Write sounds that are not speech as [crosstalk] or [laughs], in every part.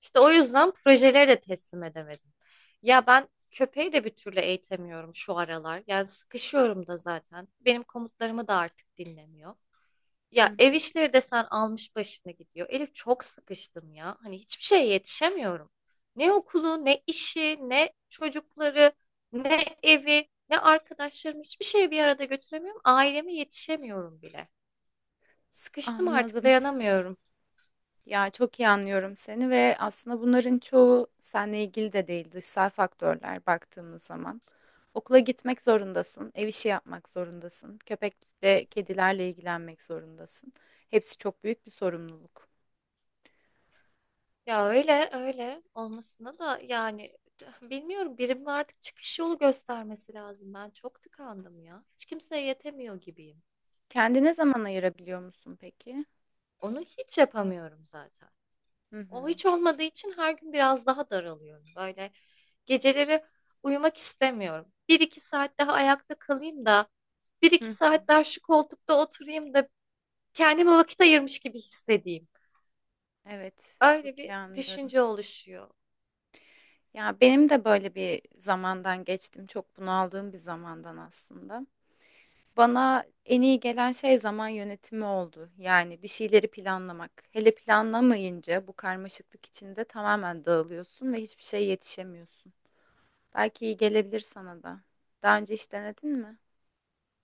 İşte o yüzden projeleri de teslim edemedim. Ya ben köpeği de bir türlü eğitemiyorum şu aralar. Yani sıkışıyorum da zaten. Benim komutlarımı da artık dinlemiyor. Hı Ya ev hı. işleri de sen almış başına gidiyor. Elif çok sıkıştım ya. Hani hiçbir şeye yetişemiyorum. Ne okulu, ne işi, ne çocukları, ne evi, ne arkadaşlarımı hiçbir şeye bir arada götüremiyorum. Aileme yetişemiyorum bile. Sıkıştım artık Anladım. dayanamıyorum. Ya çok iyi anlıyorum seni ve aslında bunların çoğu seninle ilgili de değil, dışsal faktörler baktığımız zaman. Okula gitmek zorundasın, ev işi yapmak zorundasın, köpek ve kedilerle ilgilenmek zorundasın. Hepsi çok büyük bir sorumluluk. Ya öyle öyle olmasına da yani bilmiyorum birimin artık çıkış yolu göstermesi lazım. Ben çok tıkandım ya. Hiç kimseye yetemiyor gibiyim. Kendine zaman ayırabiliyor musun peki? Onu hiç yapamıyorum zaten. Hı O hı. hiç olmadığı için her gün biraz daha daralıyorum. Böyle geceleri uyumak istemiyorum. Bir iki saat daha ayakta kalayım da bir Hı iki hı. saat daha şu koltukta oturayım da kendime vakit ayırmış gibi hissedeyim. Evet, Öyle çok bir iyi anlıyorum. düşünce oluşuyor. Ya benim de böyle bir zamandan geçtim, çok bunaldığım bir zamandan aslında. Bana en iyi gelen şey zaman yönetimi oldu. Yani bir şeyleri planlamak. Hele planlamayınca bu karmaşıklık içinde tamamen dağılıyorsun ve hiçbir şeye yetişemiyorsun. Belki iyi gelebilir sana da. Daha önce hiç denedin mi?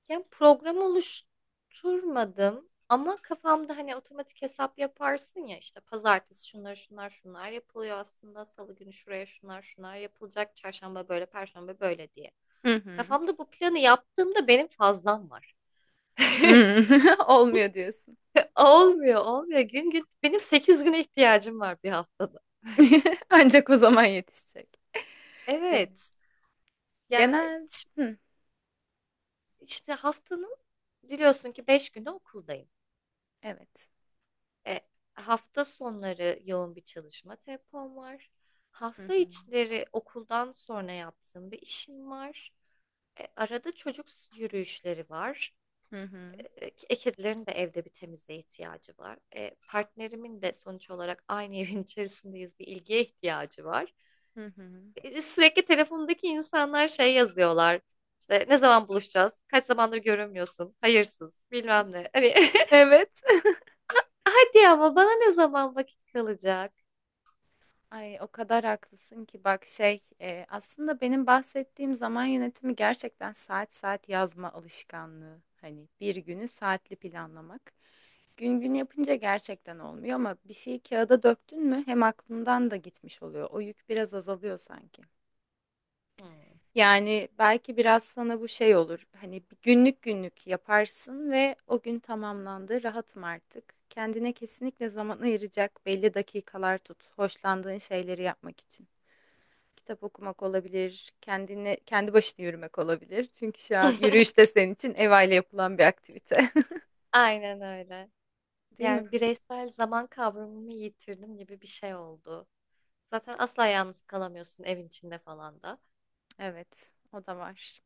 Yani program oluşturmadım ama kafamda hani otomatik hesap yaparsın ya işte pazartesi şunlar şunlar şunlar yapılıyor aslında salı günü şuraya şunlar şunlar yapılacak çarşamba böyle perşembe böyle diye. Hı hı. Kafamda bu planı yaptığımda benim fazlam var. [laughs] Hı. [laughs] Olmuyor diyorsun. Olmuyor, olmuyor. Gün gün benim 8 güne ihtiyacım var bir haftada. [laughs] Ancak o zaman yetişecek. Evet. Evet. Ya Genel. Hı. şimdi haftanın biliyorsun ki 5 günü okuldayım. Evet. E, hafta sonları yoğun bir çalışma tempom var. Hı Hafta hı. içleri okuldan sonra yaptığım bir işim var. Arada çocuk yürüyüşleri var. Hı hı. Kedilerin de evde bir temizliğe ihtiyacı var. Partnerimin de sonuç olarak aynı [laughs] evin içerisindeyiz bir ilgiye ihtiyacı var. Hı hı. Sürekli telefondaki insanlar şey yazıyorlar. İşte ne zaman buluşacağız? Kaç zamandır görünmüyorsun? Hayırsız, bilmem ne. Hani Evet. [laughs] hadi ama bana ne zaman vakit kalacak? Ay o kadar haklısın ki bak aslında benim bahsettiğim zaman yönetimi gerçekten saat saat yazma alışkanlığı. Hani bir günü saatli planlamak. Gün gün yapınca gerçekten olmuyor ama bir şeyi kağıda döktün mü hem aklından da gitmiş oluyor. O yük biraz azalıyor sanki. Hmm. Yani belki biraz sana bu şey olur. Hani bir günlük günlük yaparsın ve o gün tamamlandı. Rahatım artık. Kendine kesinlikle zaman ayıracak belli dakikalar tut. Hoşlandığın şeyleri yapmak için. Kitap okumak olabilir, kendine kendi başına yürümek olabilir. Çünkü şu an yürüyüş de [laughs] senin için ev aile yapılan bir aktivite. Aynen öyle. [laughs] Değil mi? Yani bireysel zaman kavramımı yitirdim gibi bir şey oldu. Zaten asla yalnız kalamıyorsun evin içinde falan da. Evet, o da var.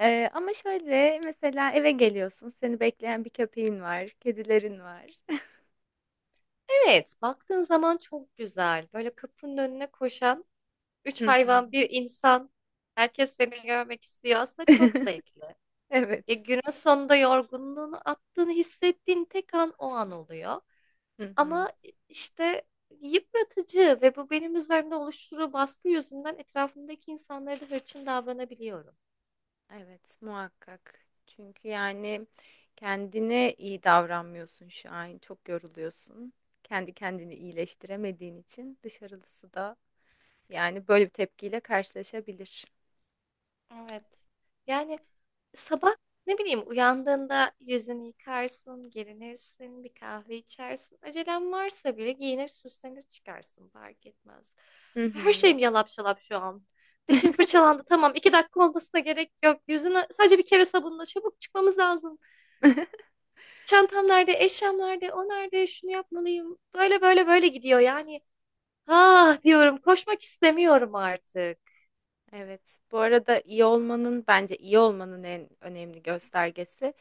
Ama şöyle mesela eve geliyorsun, seni bekleyen bir köpeğin var, kedilerin var. Evet, baktığın zaman çok güzel. Böyle kapının önüne koşan [laughs] üç Hı hı. hayvan, bir insan. Herkes seni görmek istiyor. Aslında çok [laughs] zevkli. Evet. Ya günün sonunda yorgunluğunu attığını hissettiğin tek an o an oluyor. Hı hı. Ama işte yıpratıcı ve bu benim üzerimde oluşturduğu baskı yüzünden etrafımdaki insanlara da hırçın davranabiliyorum. Evet, muhakkak. Çünkü yani kendine iyi davranmıyorsun şu an. Çok yoruluyorsun. Kendi kendini iyileştiremediğin için dışarılısı da yani böyle bir tepkiyle karşılaşabilir. Evet. Yani sabah ne bileyim uyandığında yüzünü yıkarsın, gerinirsin, bir kahve içersin. Acelen varsa bile giyinir, süslenir çıkarsın fark etmez. Hı Her hı. şeyim yalap şalap şu an. Dişim fırçalandı tamam, 2 dakika olmasına gerek yok. Yüzünü sadece bir kere sabunla, çabuk çıkmamız lazım. Çantam nerede, eşyam nerede, o nerede, şunu yapmalıyım. Böyle böyle böyle gidiyor yani. Ah diyorum, koşmak istemiyorum artık. Evet. Bu arada iyi olmanın bence iyi olmanın en önemli göstergesi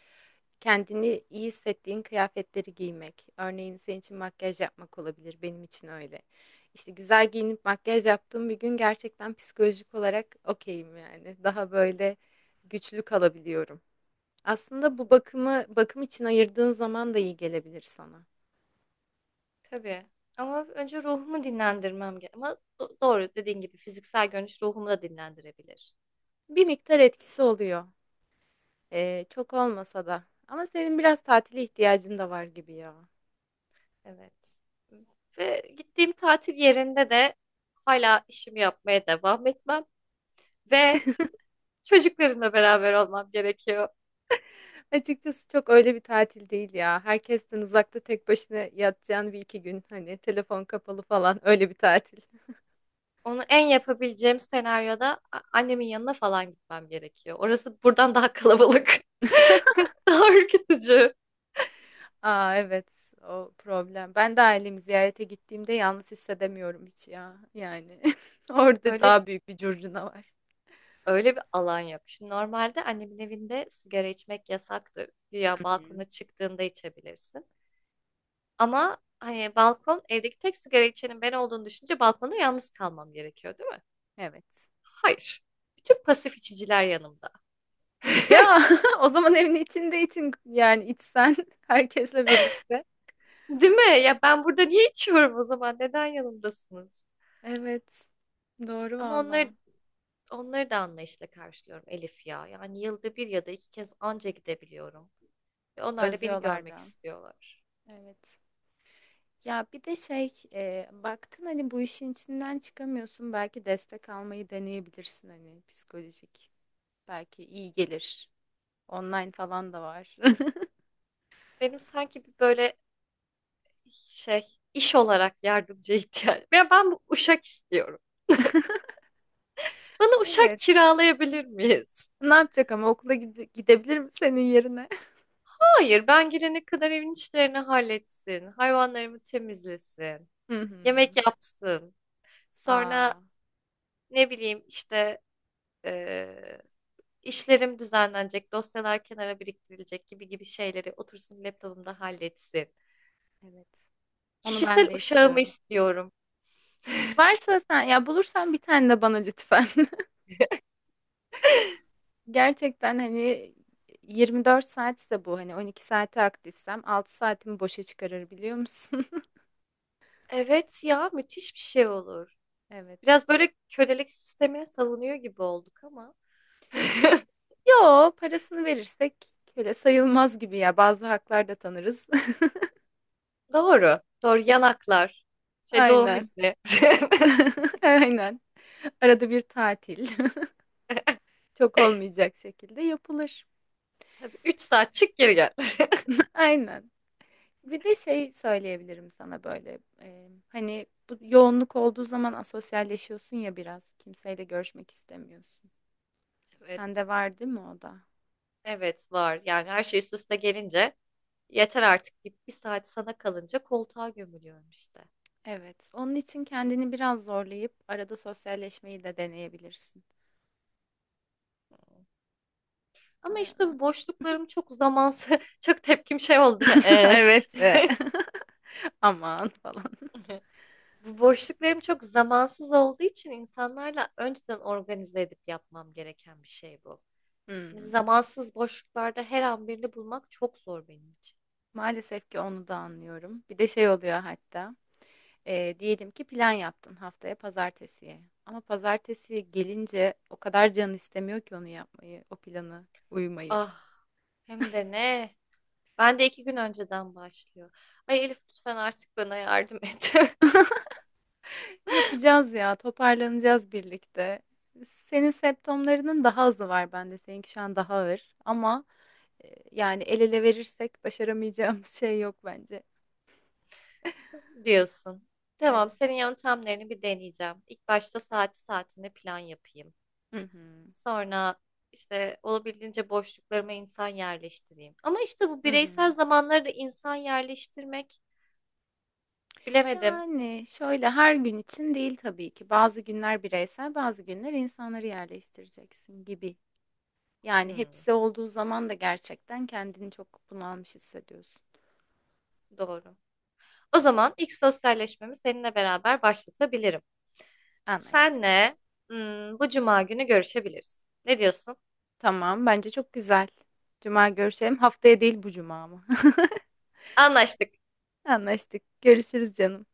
kendini iyi hissettiğin kıyafetleri giymek. Örneğin senin için makyaj yapmak olabilir. Benim için öyle. İşte güzel giyinip makyaj yaptığım bir gün gerçekten psikolojik olarak okeyim yani. Daha böyle güçlü kalabiliyorum. Aslında bu bakımı bakım için ayırdığın zaman da iyi gelebilir sana. Tabii. Ama önce ruhumu dinlendirmem gerek. Ama doğru dediğin gibi fiziksel görünüş ruhumu da dinlendirebilir. Bir miktar etkisi oluyor. Çok olmasa da. Ama senin biraz tatile ihtiyacın da var gibi ya. Evet. Ve gittiğim tatil yerinde de hala işimi yapmaya devam etmem ve çocuklarımla beraber olmam gerekiyor. Açıkçası çok öyle bir tatil değil ya. Herkesten uzakta tek başına yatacağın bir iki gün hani telefon kapalı falan [laughs] öyle bir tatil. [laughs] Onu en yapabileceğim senaryoda annemin yanına falan gitmem gerekiyor. Orası buradan daha kalabalık, [laughs] daha ürkütücü. Aa evet o problem. Ben de ailemi ziyarete gittiğimde yalnız hissedemiyorum hiç ya. Yani [laughs] orada Öyle daha büyük bir curcuna var. Öyle bir alan yok. Şimdi normalde annemin evinde sigara içmek yasaktır. Güya Hı hı. balkona çıktığında içebilirsin. Ama hani balkon evdeki tek sigara içenin ben olduğunu düşünce balkonda yalnız kalmam gerekiyor, değil mi? Evet. Hayır. Bütün pasif içiciler yanımda. Ya [laughs] o zaman evin içinde için yani içsen [laughs] herkesle birlikte. Değil mi? Ya ben burada niye içiyorum o zaman? Neden yanımdasınız? Evet. Doğru Ama valla. onları da anlayışla karşılıyorum Elif ya. Yani yılda bir ya da iki kez anca gidebiliyorum. Ve onlar da beni Özlüyorlar görmek da. istiyorlar. Evet. Ya bir de şey e, baktın hani bu işin içinden çıkamıyorsun belki destek almayı deneyebilirsin hani psikolojik belki iyi gelir online falan da var. [laughs] Benim sanki bir böyle şey iş olarak yardımcı ihtiyacım. Ya ben bu uşak istiyorum. Bana uşak Evet. kiralayabilir miyiz? Ne yapacak ama okula gidebilir mi senin yerine? Hayır, ben girene kadar evin işlerini halletsin, hayvanlarımı temizlesin, [laughs] Hı hı. yemek yapsın. Sonra Aa, ne bileyim işte eee, işlerim düzenlenecek, dosyalar kenara biriktirilecek gibi gibi şeyleri otursun laptopumda halletsin. evet. Onu Kişisel ben de uşağımı istiyorum. istiyorum. Varsa sen ya bulursan bir tane de bana lütfen. [laughs] Gerçekten hani 24 saatse bu hani 12 saati aktifsem 6 saatimi boşa çıkarır biliyor musun? Evet ya, müthiş bir şey olur. [laughs] Evet. Biraz böyle kölelik sistemine savunuyor gibi olduk ama. [laughs] Yo, parasını verirsek öyle sayılmaz gibi ya. Bazı haklar da tanırız. Doğru. Doğru. Yanaklar. [laughs] Şey, doğum Aynen. izni. [laughs] [laughs] Aynen. Arada bir tatil. [laughs] Çok olmayacak şekilde yapılır. Tabii, 3 saat çık geri gel. [laughs] Aynen. Bir de şey söyleyebilirim sana böyle. Hani bu yoğunluk olduğu zaman asosyalleşiyorsun ya biraz. Kimseyle görüşmek istemiyorsun. Evet. Sende var değil mi o da? Evet var. Yani her şey üst üste gelince yeter artık deyip bir saat sana kalınca koltuğa gömülüyorum işte. Evet. Onun için kendini biraz zorlayıp arada sosyalleşmeyi de deneyebilirsin. Ama işte bu boşluklarım çok zamansız. [laughs] Çok tepkim şey oldu değil mi? [laughs] Evet. [laughs] Aman falan. [laughs] Bu boşluklarım çok zamansız olduğu için insanlarla önceden organize edip yapmam gereken bir şey bu. Hani Hımm. zamansız boşluklarda her an birini bulmak çok zor benim için. Maalesef ki onu da anlıyorum. Bir de şey oluyor hatta, diyelim ki plan yaptın haftaya pazartesiye ama pazartesiye gelince o kadar canın istemiyor ki onu yapmayı, o planı uymayı. Ah, hem de ne? Ben de 2 gün önceden başlıyor. Ay Elif lütfen artık bana yardım et [laughs] Yapacağız ya, toparlanacağız birlikte. Senin septomlarının daha azı var bende, seninki şu an daha ağır ama, yani el ele verirsek başaramayacağımız [laughs] şey yok bence. [laughs] diyorsun. Tamam, Evet. senin yöntemlerini bir deneyeceğim. İlk başta saati saatinde plan yapayım. Hı hı. Sonra işte olabildiğince boşluklarıma insan yerleştireyim. Ama işte bu Hı hı. bireysel zamanları da insan yerleştirmek bilemedim. Yani, şöyle, her gün için değil tabii ki. Bazı günler bireysel, bazı günler insanları yerleştireceksin gibi. Yani Hmm, hepsi olduğu zaman da gerçekten kendini çok bunalmış hissediyorsun. doğru. O zaman ilk sosyalleşmemi seninle beraber başlatabilirim. Anlaştık. Senle bu cuma günü görüşebiliriz. Ne diyorsun? Tamam, bence çok güzel. Cuma görüşelim. Haftaya değil bu cuma mı? Anlaştık. [laughs] Anlaştık. Görüşürüz canım.